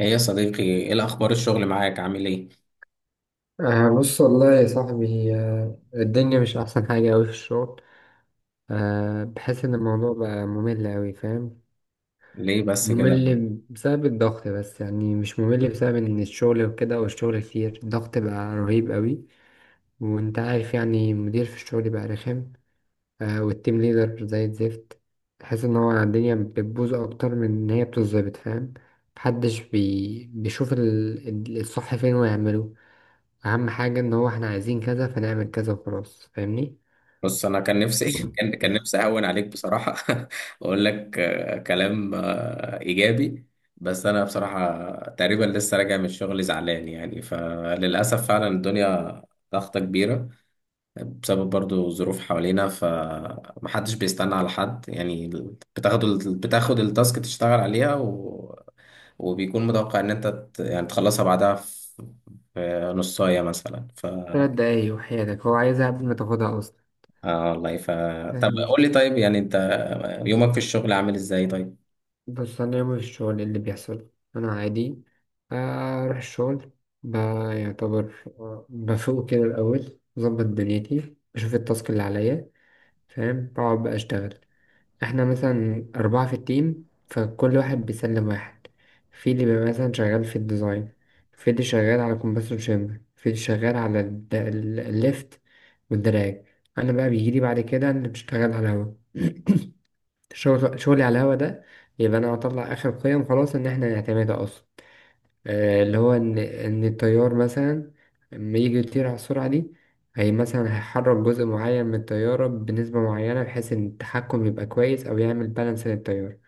ايه يا صديقي، ايه الاخبار؟ الشغل معاك عامل ايه؟ آه بص والله يا صاحبي، آه الدنيا مش أحسن حاجة أوي في الشغل. آه بحس إن الموضوع بقى ممل أوي فاهم؟ ليه بس كده؟ ممل بسبب الضغط، بس يعني مش ممل بسبب إن الشغل وكده والشغل كتير، الضغط بقى رهيب أوي. وأنت عارف يعني المدير في الشغل بقى رخم، آه والتيم ليدر زي الزفت. تحس إن هو الدنيا بتبوظ أكتر من إن هي بتتظبط فاهم؟ محدش بيشوف الصح فين ويعمله. اهم حاجة ان هو احنا عايزين كذا فنعمل كذا وخلاص، فاهمني؟ بص، انا كان نفسي كان نفسي اهون عليك بصراحه. واقول لك كلام ايجابي. بس انا بصراحه تقريبا لسه راجع من الشغل زعلان، يعني فللاسف فعلا الدنيا ضغطة كبيرة بسبب برضو ظروف حوالينا، فمحدش بيستنى على حد يعني. بتاخد التاسك تشتغل عليها و... وبيكون متوقع ان انت يعني تخلصها بعدها في نصاية مثلا ف... 3 دقايق وحياتك هو عايزها قبل ما تاخدها اصلا، والله ف... طب فاهمني؟ قول لي، طيب يعني انت يومك في الشغل عامل ازاي؟ طيب، بس انا يومي في الشغل إيه اللي بيحصل؟ انا عادي، اروح الشغل، بيعتبر، بفوق كده الاول بظبط دنيتي بشوف التاسك اللي عليا، فاهم؟ بقعد بقى اشتغل. احنا مثلا 4 في التيم، فكل واحد بيسلم واحد. في اللي بيبقى مثلا شغال في الديزاين، في اللي شغال على كومبرسور شامبر، في اللي شغال على الليفت والدراج. أنا بقى بيجيلي بعد كده اللي بشتغل على الهوا. شغل شغلي على الهوا ده، يبقى أنا هطلع آخر قيم خلاص إن احنا نعتمدها أصلا. اللي هو إن الطيار مثلا لما يجي يطير على السرعة دي، هي مثلا هيحرك جزء معين من الطيارة بنسبة معينة بحيث إن التحكم يبقى كويس أو يعمل بالانس للطيارة.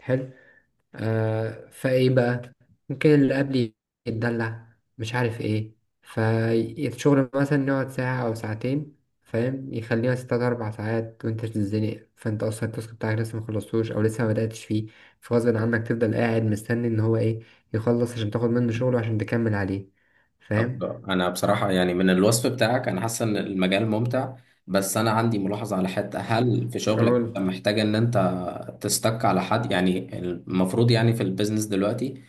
حلو. فايه بقى؟ ممكن اللي قبلي يتدلع مش عارف ايه، فالشغل مثلا يقعد ساعة أو ساعتين فاهم؟ يخليها ستة 4 ساعات وأنت تتزنق، فأنت أصلا التاسك بتاعك لسه مخلصتوش أو لسه ما بدأتش فيه. فغصب عنك تفضل قاعد مستني إن هو إيه، يخلص عشان تاخد منه شغله عشان تكمل عليه، طب فاهم؟ انا بصراحه يعني من الوصف بتاعك انا حاسس ان المجال ممتع، بس انا عندي ملاحظه على حته. هل في شغلك انت محتاج ان انت تستك على حد؟ يعني المفروض يعني في البيزنس دلوقتي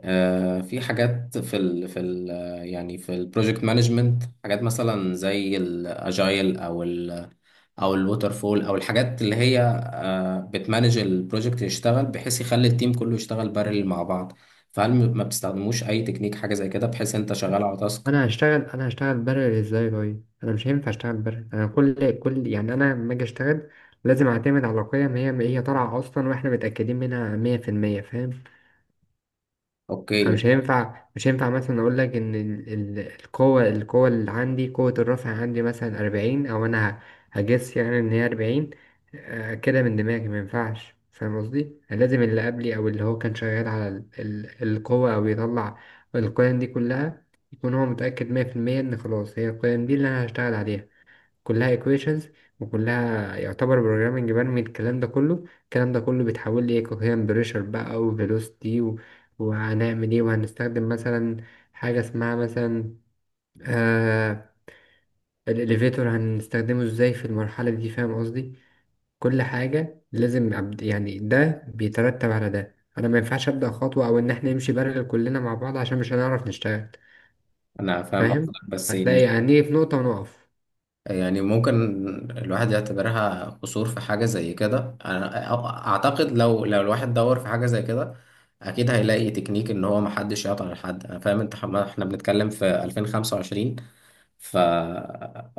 في حاجات في ال يعني في البروجكت مانجمنت، حاجات مثلا زي الاجايل او ال او الووتر فول او الحاجات اللي هي بتمانج البروجكت، يشتغل بحيث يخلي التيم كله يشتغل بارل مع بعض. فهل ما بتستخدموش اي تكنيك، حاجه زي كده، بحيث انت شغال على تاسك؟ انا هشتغل انا هشتغل برر ازاي؟ طيب انا مش هينفع اشتغل برر. انا كل يعني انا لما اجي اشتغل لازم اعتمد على قيم هي طالعه اصلا واحنا متاكدين منها 100% فاهم؟ أنا اوكي. مش هينفع مثلا أقول لك إن القوة اللي عندي، قوة الرفع عندي مثلا 40، أو أنا هجس يعني إن هي 40. كده من دماغي مينفعش فاهم قصدي؟ لازم اللي قبلي أو اللي هو كان شغال على القوة أو بيطلع القيم دي كلها، يكون هو متأكد 100% إن خلاص هي القيم دي اللي أنا هشتغل عليها. كلها equations وكلها يعتبر programming، برمي الكلام ده كله. الكلام ده كله بيتحول لي coherent pressure بقى و velocity وهنعمل ايه؟ وهنستخدم مثلا حاجة اسمها مثلا، آه الاليفيتور هنستخدمه ازاي في المرحلة دي فاهم قصدي؟ كل حاجة لازم يعني ده بيترتب على ده، انا ما ينفعش ابدأ خطوة او ان احنا نمشي بارلل كلنا مع بعض عشان مش هنعرف نشتغل انا فاهم فاهم؟ قصدك بس هتلاقي هنيجي في نقطة ونقف. يعني ممكن الواحد يعتبرها قصور في حاجه زي كده. انا اعتقد لو الواحد دور في حاجه زي كده اكيد هيلاقي تكنيك ان هو محدش يعطل حد. انا فاهم انت احنا بنتكلم في 2025 ف...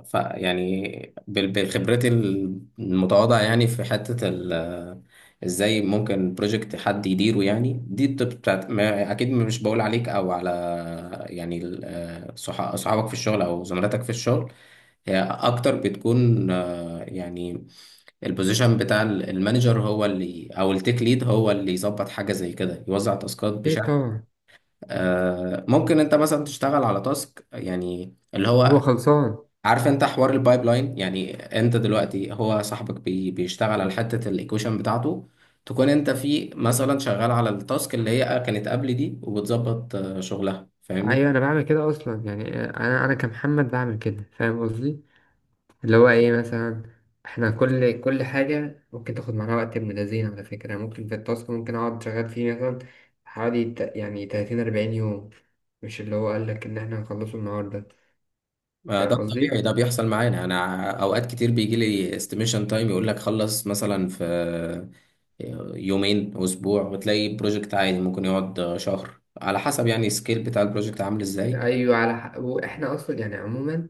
ف يعني بخبرتي المتواضعة يعني في حتة ال... ازاي ممكن بروجكت حد يديره؟ يعني دي التوب بتاعت ما... اكيد مش بقول عليك او على يعني صحابك في الشغل او زملاتك في الشغل. هي اكتر بتكون يعني البوزيشن بتاع المانجر هو اللي، او التيك ليد هو اللي يظبط حاجة زي كده، يوزع تاسكات ايه بشكل طبعا. ممكن انت مثلا تشتغل على تاسك يعني اللي هو هو خلصان. عارف انت حوار البايب لاين. يعني انت دلوقتي هو صاحبك بي بيشتغل على حته الايكويشن بتاعته، تكون انت في مثلا شغال على التاسك اللي هي كانت قبل دي وبتظبط شغلها، فاهمني؟ ايوه انا بعمل كده اصلا يعني، انا كمحمد بعمل كده فاهم قصدي؟ اللي هو ايه مثلا، احنا كل حاجه ممكن تاخد معانا وقت ابن لذين على فكره، يعني ممكن في التاسك ممكن اقعد شغال فيه مثلا حوالي يعني 30 40 يوم. مش اللي هو قال لك ان احنا هنخلصه النهارده، ده فاهم قصدي؟ الطبيعي، ده بيحصل معانا. انا اوقات كتير بيجي لي استيميشن تايم يقول لك خلص مثلا في يومين، اسبوع، وتلاقي بروجكت عادي ممكن يقعد شهر، على حسب يعني السكيل بتاع البروجكت عامل ازاي. ايوه على حق. واحنا اصلا يعني عموما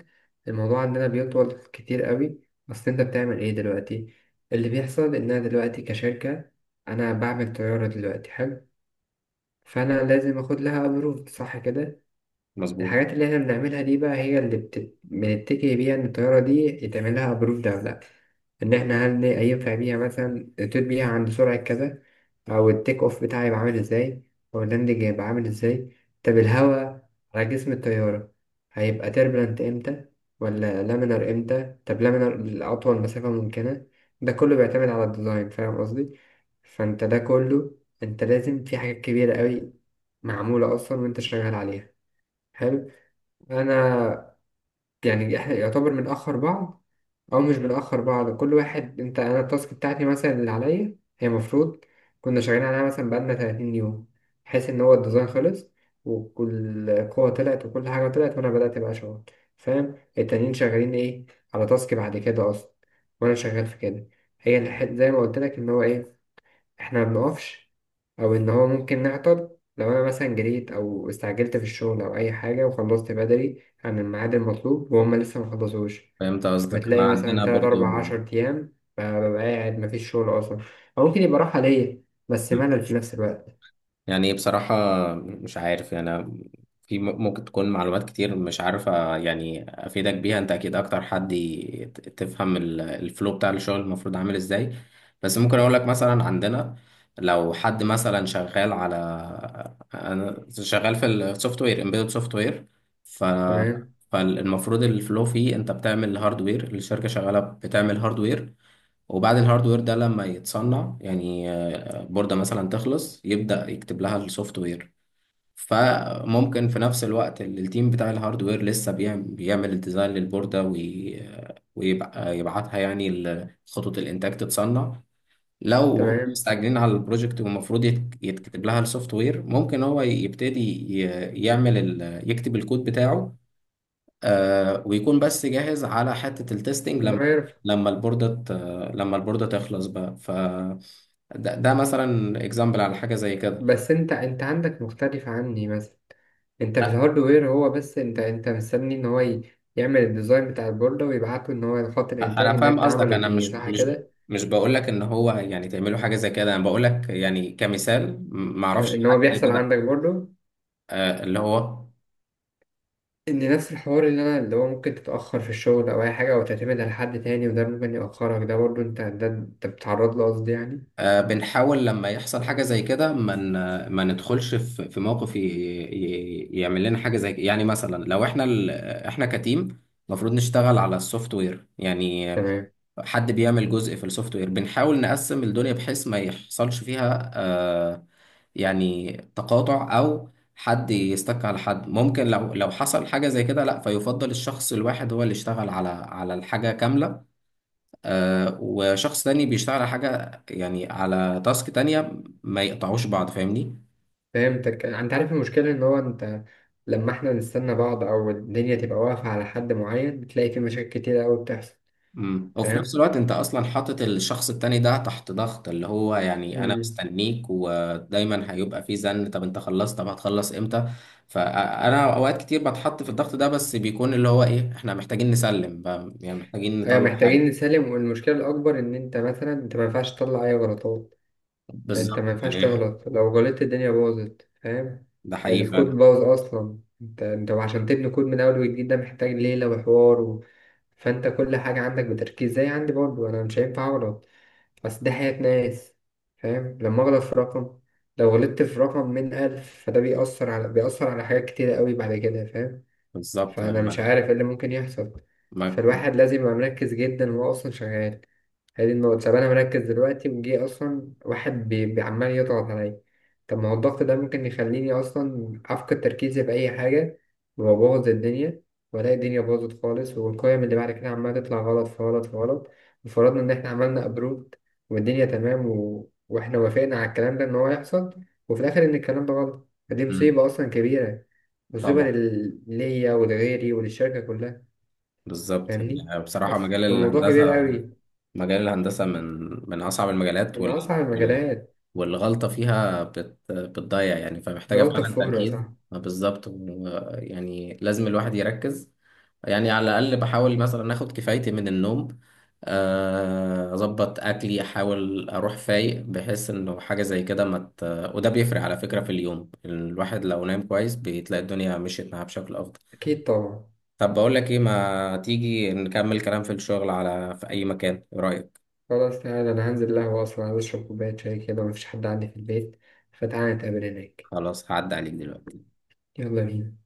الموضوع عندنا بيطول كتير قوي. اصل انت بتعمل ايه دلوقتي؟ اللي بيحصل ان انا دلوقتي كشركه انا بعمل طياره دلوقتي. حلو. فانا لازم اخد لها ابروف، صح كده؟ مظبوط. الحاجات اللي احنا بنعملها دي بقى هي اللي بنتكي بيها ان الطياره دي يتعمل لها ابروف ده ولا لا، ان احنا هل ينفع بيها مثلا تطير بيها عند سرعه كذا، او التيك اوف بتاعي يبقى عامل ازاي، او اللاندنج يبقى عامل ازاي، طب الهواء على جسم الطياره هيبقى تربلنت امتى ولا لامينر امتى؟ طب لامينر لاطول مسافه ممكنه. ده كله بيعتمد على الديزاين فاهم قصدي؟ فانت ده كله، انت لازم في حاجات كبيره قوي معمولة أصلا وأنت شغال عليها. حلو. أنا يعني إحنا يعتبر بنأخر بعض أو مش بنأخر بعض، كل واحد، أنت أنا التاسك بتاعتي مثلا اللي عليا هي المفروض كنا شغالين عليها مثلا بقالنا 30 يوم، بحيث إن هو الديزاين خلص وكل قوة طلعت وكل حاجة طلعت وأنا بدأت بقى شغل، فاهم؟ التانيين شغالين إيه؟ على تاسك بعد كده أصلا وأنا شغال في كده. هي زي ما قلت لك إن هو إيه، احنا ما بنقفش او ان هو ممكن نعطل. لو انا مثلا جريت او استعجلت في الشغل او اي حاجه وخلصت بدري عن الميعاد المطلوب وهم لسه ما خلصوش، فهمت قصدك، احنا فبتلاقي مثلا عندنا 3 برضو 4 10 ايام فببقى قاعد ما فيش شغل اصلا، او ممكن يبقى راحه ليا بس ملل في نفس الوقت. يعني. بصراحة مش عارف يعني أنا في ممكن تكون معلومات كتير مش عارفة يعني أفيدك بيها. أنت أكيد أكتر حد تفهم الفلو بتاع الشغل المفروض عامل إزاي. بس ممكن أقول لك مثلا عندنا لو حد مثلا شغال على، أنا شغال في السوفت وير، امبيدد سوفت وير، ف... تمام. فالمفروض الفلو فيه أنت بتعمل هاردوير، الشركة شغالة بتعمل هاردوير، وبعد الهاردوير ده لما يتصنع يعني البوردة مثلا تخلص، يبدأ يكتب لها السوفت وير. فممكن في نفس الوقت التيم بتاع الهاردوير لسه بيعمل الديزاين للبوردة وي... ويبقى يبعتها يعني خطوط الإنتاج تتصنع. لو هم تمام، مستعجلين على البروجكت والمفروض يتكتب لها السوفت وير، ممكن هو يبتدي يعمل ال... يكتب الكود بتاعه، آه، ويكون بس جاهز على حتة التستنج انا لما عارف. لما البوردة ت- لما البوردة تخلص بقى ف... ده مثلا اكزامبل على حاجة زي كده. بس انت عندك مختلف عني مثلا. انت في أ- الهاردوير، هو بس انت مستني ان هو يعمل الديزاين بتاع البوردة ويبعته ان هو لخط الانتاج انا ان فاهم انت قصدك، عمله انا وتيجي، صح كده؟ مش بقول لك ان هو يعني تعملوا حاجة زي كده، انا بقول لك يعني كمثال ما كان اعرفش ان هو حاجة زي بيحصل كده. عندك برضو آه، اللي هو ان نفس الحوار اللي انا، اللي هو ممكن تتاخر في الشغل او اي حاجه او تعتمد على حد تاني وده ممكن ياخرك، ده برضو انت، ده انت بتتعرض له قصدي يعني. بنحاول لما يحصل حاجة زي كده ما ندخلش في موقف يعمل لنا حاجة زي كده. يعني مثلا لو احنا ال... احنا كتيم المفروض نشتغل على السوفت وير، يعني تمام. حد بيعمل جزء في السوفت وير، بنحاول نقسم الدنيا بحيث ما يحصلش فيها يعني تقاطع او حد يستك على حد. ممكن لو حصل حاجة زي كده لا، فيفضل الشخص الواحد هو اللي يشتغل على الحاجة كاملة، وشخص تاني بيشتغل على حاجة يعني على تاسك تانية، ما يقطعوش بعض، فاهمني؟ فهمتك. انت عارف المشكله ان هو انت لما احنا نستنى بعض او الدنيا تبقى واقفه على حد معين، بتلاقي في مشاكل كتير قوي بتحصل وفي نفس فاهم؟ الوقت انت اصلا حاطط الشخص التاني ده تحت ضغط، اللي هو يعني انا امم، مستنيك، ودايما هيبقى في زن: طب انت خلصت؟ طب هتخلص امتى؟ فانا اوقات كتير بتحط في الضغط ده، بس بيكون اللي هو ايه، احنا محتاجين نسلم بقى، يعني محتاجين ايوه نطلع محتاجين حاجة. نسلم. والمشكله الاكبر ان انت مثلا انت ما ينفعش تطلع اي غلطات. انت بالظبط، ما يعني ينفعش إيه؟ تغلط، لو غلطت الدنيا باظت فاهم؟ ده حقيقي الكود فعلا. باظ اصلا. انت عشان تبني كود من اول وجديد ده محتاج ليلة وحوار فانت كل حاجة عندك بتركيز زي عندي، برضه انا مش هينفع اغلط. بس ده حياة ناس، فاهم؟ لما اغلط في رقم، لو غلطت في رقم من ألف فده بيأثر على حاجات كتيرة قوي بعد كده فاهم؟ بالظبط فأنا يعني. مش ما عارف إيه اللي ممكن يحصل. ما فالواحد لازم يبقى مركز جدا وهو أصلا شغال هذه النقطة. طب أنا مركز دلوقتي وجي أصلا واحد عمال يضغط عليا، طب ما هو الضغط ده ممكن يخليني أصلا أفقد تركيزي في أي حاجة وأبوظ الدنيا، وألاقي الدنيا باظت خالص، والقيم اللي بعد كده عمالة تطلع غلط في غلط في غلط. وفرضنا إن إحنا عملنا أبروت والدنيا تمام وإحنا وافقنا على الكلام ده إن هو يحصل، وفي الآخر إن الكلام ده غلط، فدي مم. مصيبة أصلا كبيرة. مصيبة طبعا. ليا ولغيري وللشركة كلها بالظبط. فاهمني؟ يعني بصراحة بس مجال الموضوع كبير الهندسة، قوي. مجال الهندسة من من أصعب المجالات من وال... أصعب وال... المجالات. والغلطة فيها بت... بتضيع يعني، فمحتاجة الغلطة فعلا فورة تركيز. صح. بالظبط. يعني لازم الواحد يركز. يعني على الأقل بحاول مثلا آخد كفايتي من النوم، أظبط أكلي، أحاول أروح فايق بحيث إنه حاجة زي كده ما مت... وده بيفرق على فكرة. في اليوم الواحد لو نام كويس بتلاقي الدنيا مشيت معاه بشكل أفضل. أكيد طبعا. طب بقول لك إيه، ما تيجي نكمل كلام في الشغل على في أي مكان، إيه رأيك؟ خلاص تعالى، أنا هنزل قهوة أصلا عايز أشرب كوباية شاي كده، مفيش حد عندي في البيت، فتعالى نتقابل هناك. خلاص، هعدي عليك دلوقتي. يلا بينا.